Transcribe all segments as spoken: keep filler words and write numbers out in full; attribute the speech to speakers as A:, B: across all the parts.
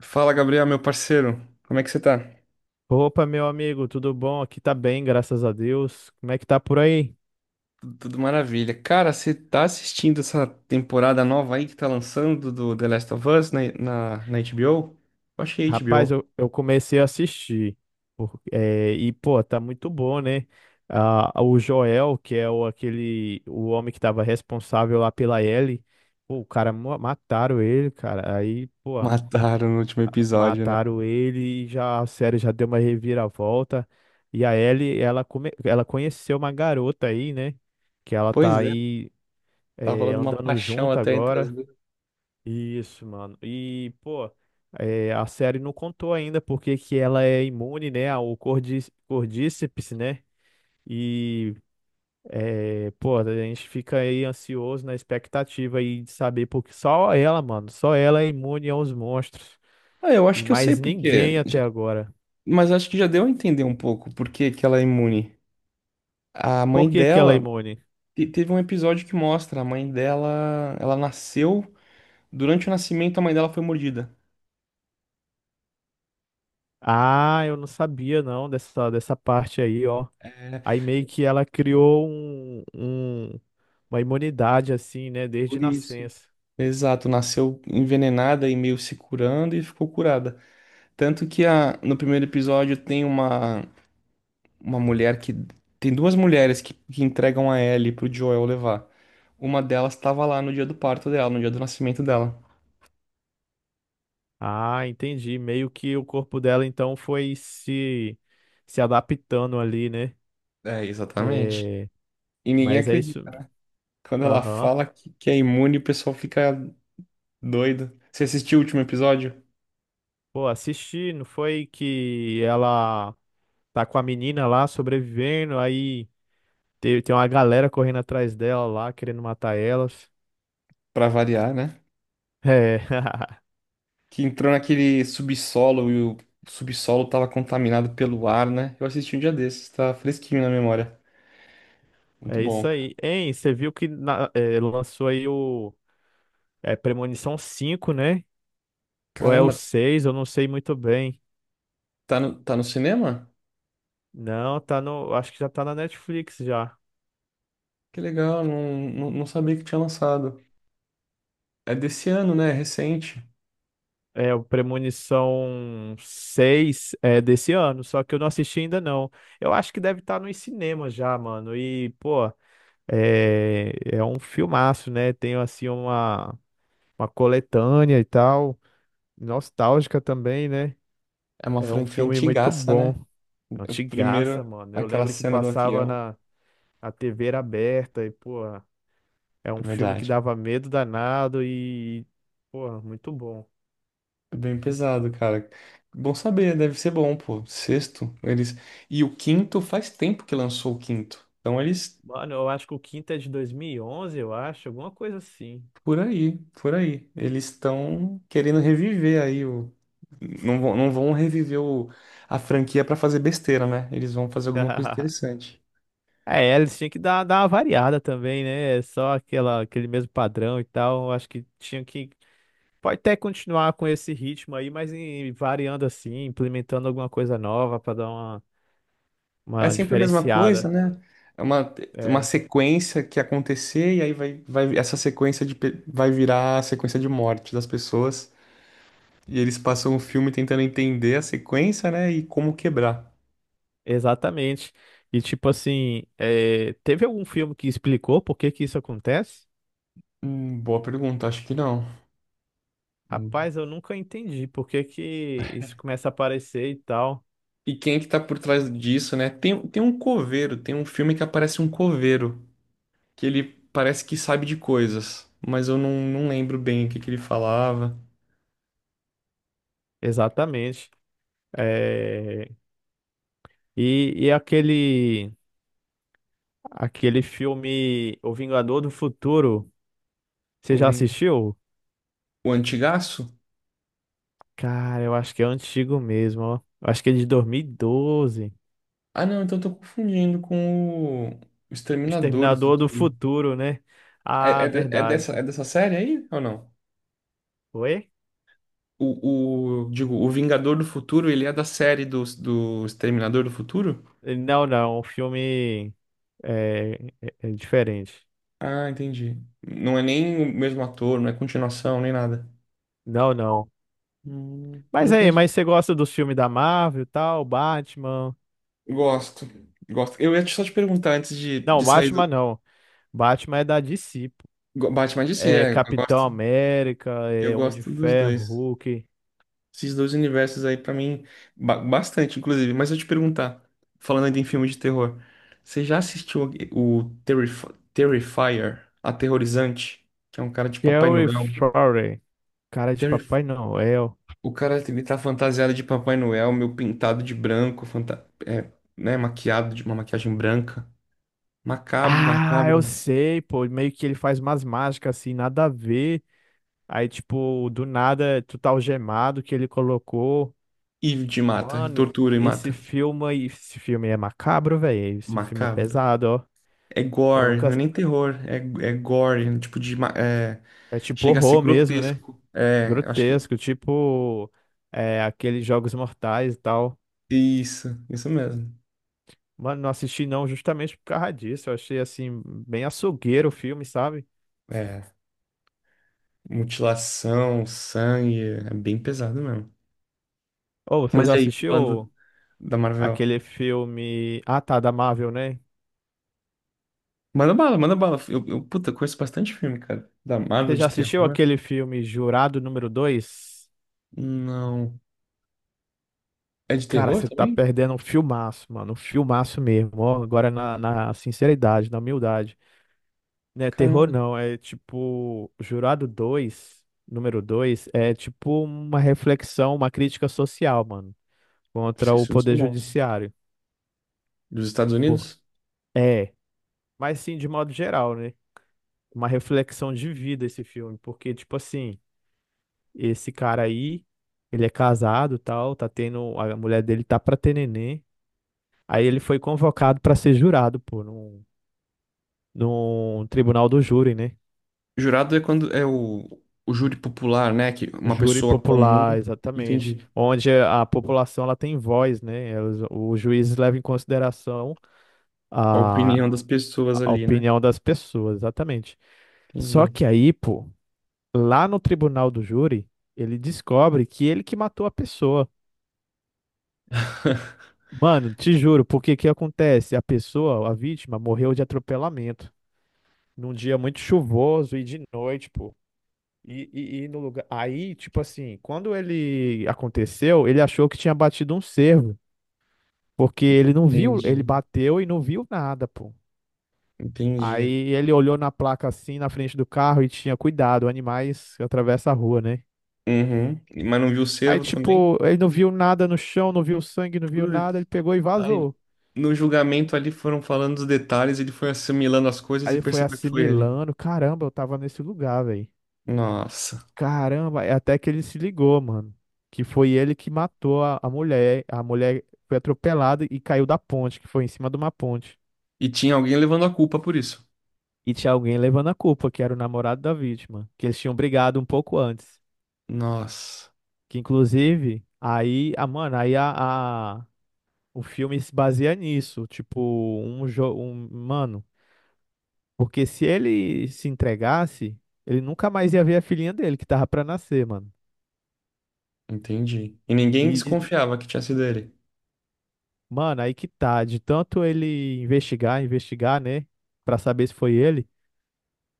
A: Fala, Gabriel, meu parceiro. Como é que você tá?
B: Opa, meu amigo, tudo bom? Aqui tá bem, graças a Deus. Como é que tá por aí?
A: Tu- Tudo maravilha. Cara, você tá assistindo essa temporada nova aí que tá lançando do The Last of Us na, na, na H B O? Eu achei
B: Rapaz,
A: H B O.
B: eu, eu comecei a assistir. por- é, e, pô, tá muito bom, né? Ah, o Joel, que é o, aquele, o homem que tava responsável lá pela Ellie, pô, o cara, mo- mataram ele, cara. Aí, pô,
A: Mataram no último episódio, né?
B: mataram ele e já, a série já deu uma reviravolta. E a Ellie, ela, come, ela conheceu uma garota aí, né? Que ela tá
A: Pois é,
B: aí,
A: tá
B: é,
A: rolando uma
B: andando
A: paixão
B: junto
A: até entre as
B: agora.
A: duas.
B: Isso, mano. E, pô, é, a série não contou ainda porque que ela é imune, né, ao cordí- cordíceps, né? E, é, pô, a gente fica aí ansioso na expectativa aí de saber, porque só ela, mano, só ela é imune aos monstros.
A: Ah, eu acho
B: E
A: que eu sei
B: mais
A: por quê,
B: ninguém até agora.
A: mas acho que já deu a entender um pouco por que que ela é imune. A
B: Por
A: mãe
B: que que ela é
A: dela,
B: imune?
A: te- teve um episódio que mostra, a mãe dela, ela nasceu, durante o nascimento a mãe dela foi mordida.
B: Ah, eu não sabia, não, dessa, dessa parte aí, ó.
A: É,
B: Aí meio
A: é
B: que ela criou um, um- uma imunidade, assim, né, desde
A: por isso.
B: nascença.
A: Exato, nasceu envenenada e meio se curando e ficou curada. Tanto que a, no primeiro episódio tem uma, uma mulher que. Tem duas mulheres que, que entregam a Ellie pro Joel levar. Uma delas estava lá no dia do parto dela, no dia do nascimento dela.
B: Ah, entendi. Meio que o corpo dela então foi se se adaptando ali, né?
A: É, exatamente.
B: É,
A: E ninguém
B: mas é isso.
A: acredita. Quando ela
B: Aham.
A: fala que, que é imune, o pessoal fica doido. Você assistiu o último episódio?
B: Pô, assisti, não foi que ela tá com a menina lá sobrevivendo, aí tem, tem uma galera correndo atrás dela lá, querendo matar elas.
A: Pra variar, né?
B: É,
A: Que entrou naquele subsolo e o subsolo tava contaminado pelo ar, né? Eu assisti um dia desses, tá fresquinho na memória. Muito
B: é isso
A: bom.
B: aí. Hein, você viu que na- é, lançou aí o é, Premonição cinco, né? Ou é o
A: Caramba,
B: seis? Eu não sei muito bem.
A: tá no, tá no cinema?
B: Não, tá no. Acho que já tá na Netflix já.
A: Que legal, não, não, não sabia que tinha lançado. É desse ano, né? É recente.
B: É, o Premonição seis é desse ano, só que eu não assisti ainda não. Eu acho que deve estar nos cinemas já, mano. E, pô, é, é um filmaço, né? Tem, assim, uma, uma coletânea e tal, nostálgica também, né?
A: É uma
B: É um
A: franquia
B: filme muito
A: antigaça,
B: bom.
A: né?
B: É
A: O
B: antigaça,
A: primeiro,
B: mano. Eu
A: aquela
B: lembro que
A: cena do
B: passava
A: avião.
B: na, na T V era aberta e, pô, é
A: É
B: um filme que
A: verdade.
B: dava medo danado e, pô, muito bom.
A: É bem pesado, cara. Bom saber, deve ser bom, pô. Sexto, eles. E o quinto faz tempo que lançou o quinto. Então eles.
B: Mano, eu acho que o quinto é de dois mil e onze, eu acho, alguma coisa assim.
A: Por aí, por aí. Eles estão querendo reviver aí o. Não vão, não vão reviver o... a franquia para fazer besteira, né? Eles vão fazer alguma coisa interessante.
B: É, eles tinham que dar, dar uma variada também, né? É só aquela, aquele mesmo padrão e tal. Eu acho que tinha que. Pode até continuar com esse ritmo aí, mas em- variando assim, implementando alguma coisa nova pra dar uma,
A: É
B: uma
A: sempre a mesma coisa,
B: diferenciada.
A: né? É uma, uma
B: É,
A: sequência que acontecer e aí vai, vai essa sequência de pe- vai virar a sequência de morte das pessoas. E eles passam o filme tentando entender a sequência, né? E como quebrar.
B: exatamente. E tipo assim, é, teve algum filme que explicou por que que isso acontece?
A: Hum, boa pergunta, acho que não.
B: Rapaz, eu nunca entendi por que que isso começa a aparecer e tal.
A: E quem é que tá por trás disso, né? Tem, tem um coveiro, tem um filme que aparece um coveiro, que ele parece que sabe de coisas, mas eu não, não lembro bem o que que ele falava.
B: Exatamente. É, e, e aquele aquele filme O Vingador do Futuro,
A: O
B: você já
A: Ving-
B: assistiu?
A: o Antigaço?
B: Cara, eu acho que é antigo mesmo, ó. Eu acho que é de dois mil e doze.
A: Ah, não, então eu tô confundindo com o o
B: O
A: Exterminador do
B: Exterminador do
A: Futuro.
B: Futuro, né?
A: É,
B: Ah,
A: é, de- é dessa, é
B: verdade.
A: dessa série aí ou não?
B: Oi?
A: O, o, digo, o Vingador do Futuro, ele é da série do, do Exterminador do Futuro?
B: Não, não, o filme é, é- é diferente.
A: Ah, entendi. Não é nem o mesmo ator, não é continuação, nem nada.
B: Não, não.
A: Hum, Não
B: Mas aí,
A: conheço.
B: mas você gosta dos filmes da Marvel e tal, Batman?
A: Gosto, gosto. Eu ia só te perguntar antes de,
B: Não,
A: de sair
B: Batman
A: do.
B: não. Batman é da D C.
A: Go- Batman D C,
B: É,
A: é, eu
B: Capitão
A: gosto,
B: América,
A: eu
B: é, Homem de
A: gosto dos
B: Ferro,
A: dois.
B: Hulk,
A: Esses dois universos aí, pra mim, ba- bastante, inclusive. Mas eu te perguntar, falando ainda em filme de terror, você já assistiu o o Terrif Terrifier, Aterrorizante, que é um cara de Papai
B: Terry
A: Noel?
B: Fury, cara de
A: Terri-
B: Papai Noel.
A: O cara, ele tá fantasiado de Papai Noel, meu pintado de branco, fanta... é, né, maquiado de uma maquiagem branca. Macabro,
B: Ah, eu
A: macabro.
B: sei, pô, meio que ele faz umas mágicas assim, nada a ver. Aí, tipo, do nada, tu tá algemado que ele colocou.
A: E de mata, e
B: Mano,
A: tortura e
B: esse
A: mata.
B: filme, aí- esse filme é macabro, velho. Esse filme é
A: Macabro.
B: pesado, ó.
A: É
B: Eu
A: gore,
B: nunca.
A: não é nem terror, é, é gore, né? Tipo de. ma- É,
B: É tipo
A: chega a ser
B: horror mesmo, né?
A: grotesco. É, acho que.
B: Grotesco, tipo, é, aqueles Jogos Mortais e tal.
A: Isso, isso mesmo.
B: Mano, não assisti não, justamente por causa disso. Eu achei, assim, bem açougueiro o filme, sabe?
A: É, mutilação, sangue, é bem pesado mesmo.
B: Ô, você
A: Mas
B: já
A: e aí, falando
B: assistiu
A: da Marvel?
B: aquele filme... Ah, tá, da Marvel, né?
A: Manda bala, manda bala. Eu, eu, puta, conheço bastante filme, cara. Da Marvel,
B: Você já
A: de
B: assistiu
A: terror.
B: aquele filme Jurado número dois?
A: Não. É de
B: Cara,
A: terror
B: você tá
A: também?
B: perdendo um filmaço, mano. Um filmaço mesmo. Ó, agora na, na sinceridade, na humildade. Não é terror,
A: Caramba,
B: não. É tipo... Jurado dois número dois é tipo uma reflexão, uma crítica social, mano. Contra
A: esses
B: o
A: filmes são
B: poder
A: bons.
B: judiciário.
A: Dos Estados
B: Por...
A: Unidos?
B: É. Mas sim, de modo geral, né? Uma reflexão de vida esse filme, porque, tipo assim, esse cara aí, ele é casado, tal, tá tendo, a mulher dele tá pra ter neném. Aí ele foi convocado pra ser jurado, pô, num, num tribunal do júri, né?
A: Jurado é quando é o, o júri popular, né? Que uma
B: Júri
A: pessoa
B: popular,
A: comum.
B: exatamente.
A: Entendi.
B: Onde a população ela tem voz, né? É, Os, os juízes levam em consideração
A: A
B: a,
A: opinião das pessoas
B: a
A: ali, né?
B: opinião das pessoas, exatamente. Só
A: Entendi.
B: que aí, pô, lá no tribunal do júri, ele descobre que ele que matou a pessoa. Mano, te juro, porque que acontece? A pessoa, a vítima, morreu de atropelamento num dia muito chuvoso e de noite, pô. E, e, e no lugar. Aí, tipo assim, quando ele aconteceu, ele achou que tinha batido um cervo, porque ele não viu, ele
A: Entendi.
B: bateu e não viu nada, pô.
A: Entendi.
B: Aí ele olhou na placa assim, na frente do carro e tinha cuidado, animais atravessam a rua, né?
A: Uhum. Mas não viu o
B: Aí,
A: servo também?
B: tipo, ele não viu nada no chão, não viu sangue, não viu nada,
A: Putz.
B: ele pegou e
A: Aí,
B: vazou.
A: no julgamento ali foram falando os detalhes, ele foi assimilando as coisas
B: Aí
A: e
B: ele foi
A: percebeu que foi ele.
B: assimilando, caramba, eu tava nesse lugar, velho.
A: Nossa.
B: Caramba, é até que ele se ligou, mano. Que foi ele que matou a, a mulher. A mulher foi atropelada e caiu da ponte, que foi em cima de uma ponte.
A: E tinha alguém levando a culpa por isso.
B: E tinha alguém levando a culpa, que era o namorado da vítima, que eles tinham brigado um pouco antes.
A: Nossa.
B: Que inclusive, aí, a, mano, aí a, a- o filme se baseia nisso. Tipo, um jogo. Um, mano. Porque se ele se entregasse, ele nunca mais ia ver a filhinha dele que tava pra nascer, mano.
A: Entendi. E ninguém
B: E,
A: desconfiava que tinha sido ele.
B: mano, aí que tá, de tanto ele investigar, investigar, né, pra saber se foi ele,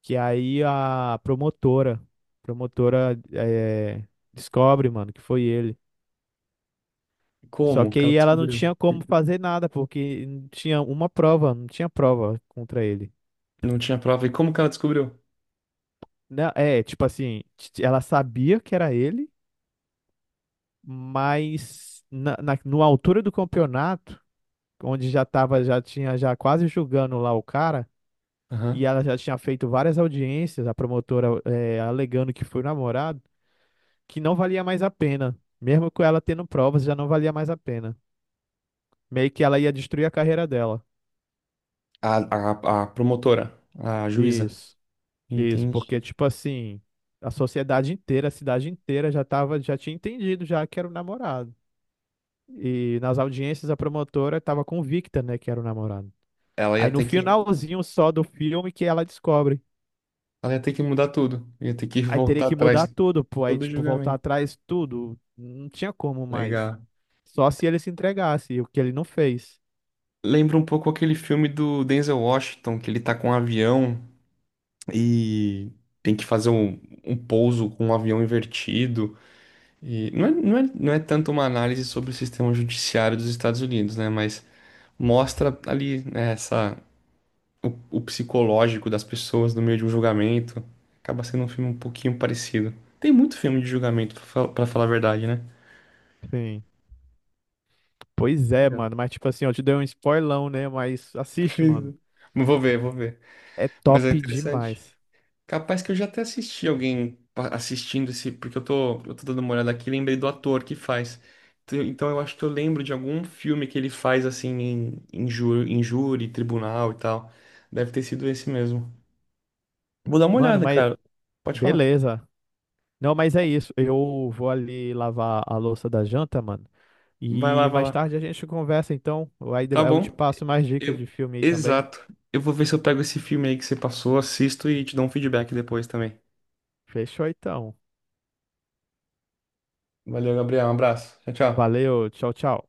B: que aí a promotora, promotora eh, descobre, mano, que foi ele. Só
A: Como
B: que
A: que ela
B: aí ela não
A: descobriu?
B: tinha como fazer nada, porque não tinha uma prova, não tinha prova contra ele.
A: Não tinha prova. E como que ela descobriu?
B: Não, é, tipo assim, t- ela sabia que era ele, mas na, na, na altura do campeonato onde já tava, já tinha já quase julgando lá o cara, e
A: Aham.
B: ela já tinha feito várias audiências, a promotora eh, alegando que foi namorado, que não valia mais a pena. Mesmo com ela tendo provas, já não valia mais a pena. Meio que ela ia destruir a carreira dela.
A: A, a, a promotora, a juíza,
B: Isso, isso, porque
A: entendi.
B: tipo assim, a sociedade inteira, a cidade inteira já tava, já tinha entendido já que era o namorado. E nas audiências a promotora estava convicta, né, que era o namorado.
A: Ela
B: Aí
A: ia
B: no
A: ter que,
B: finalzinho só do filme que ela descobre.
A: ela ia ter que mudar tudo. Ia ter que
B: Aí teria
A: voltar
B: que
A: atrás
B: mudar
A: de
B: tudo, pô. Aí,
A: todo o
B: tipo, voltar
A: julgamento.
B: atrás, tudo. Não tinha como mais.
A: Legal.
B: Só se ele se entregasse, o que ele não fez.
A: Lembra um pouco aquele filme do Denzel Washington, que ele tá com um avião e tem que fazer um, um pouso com um avião invertido. E não é, não é, não é tanto uma análise sobre o sistema judiciário dos Estados Unidos, né? Mas mostra ali, né, essa. O, o psicológico das pessoas no meio de um julgamento. Acaba sendo um filme um pouquinho parecido. Tem muito filme de julgamento, pra fal- pra falar a verdade, né?
B: Sim. Pois é,
A: Legal.
B: mano. Mas, tipo assim, eu te dei um spoilão, né? Mas assiste,
A: Pois é.
B: mano.
A: Mas vou ver, vou ver.
B: É
A: Mas é
B: top
A: interessante.
B: demais.
A: Capaz que eu já até assisti alguém pa- assistindo esse, porque eu tô, eu tô dando uma olhada aqui e lembrei do ator que faz. Então então eu acho que eu lembro de algum filme que ele faz assim em, em, ju- em júri, tribunal e tal. Deve ter sido esse mesmo. Vou dar uma
B: Mano,
A: olhada,
B: mas
A: cara. Pode falar.
B: beleza. Não, mas é isso. Eu vou ali lavar a louça da janta, mano.
A: Vai lá,
B: E
A: vai
B: mais
A: lá.
B: tarde a gente conversa, então. Aí de-
A: Tá
B: eu
A: bom.
B: te passo mais dicas de
A: Eu...
B: filme aí também.
A: Exato. Eu vou ver se eu pego esse filme aí que você passou, assisto e te dou um feedback depois também.
B: Fechou, então.
A: Valeu, Gabriel. Um abraço. Tchau, tchau.
B: Valeu. Tchau, tchau.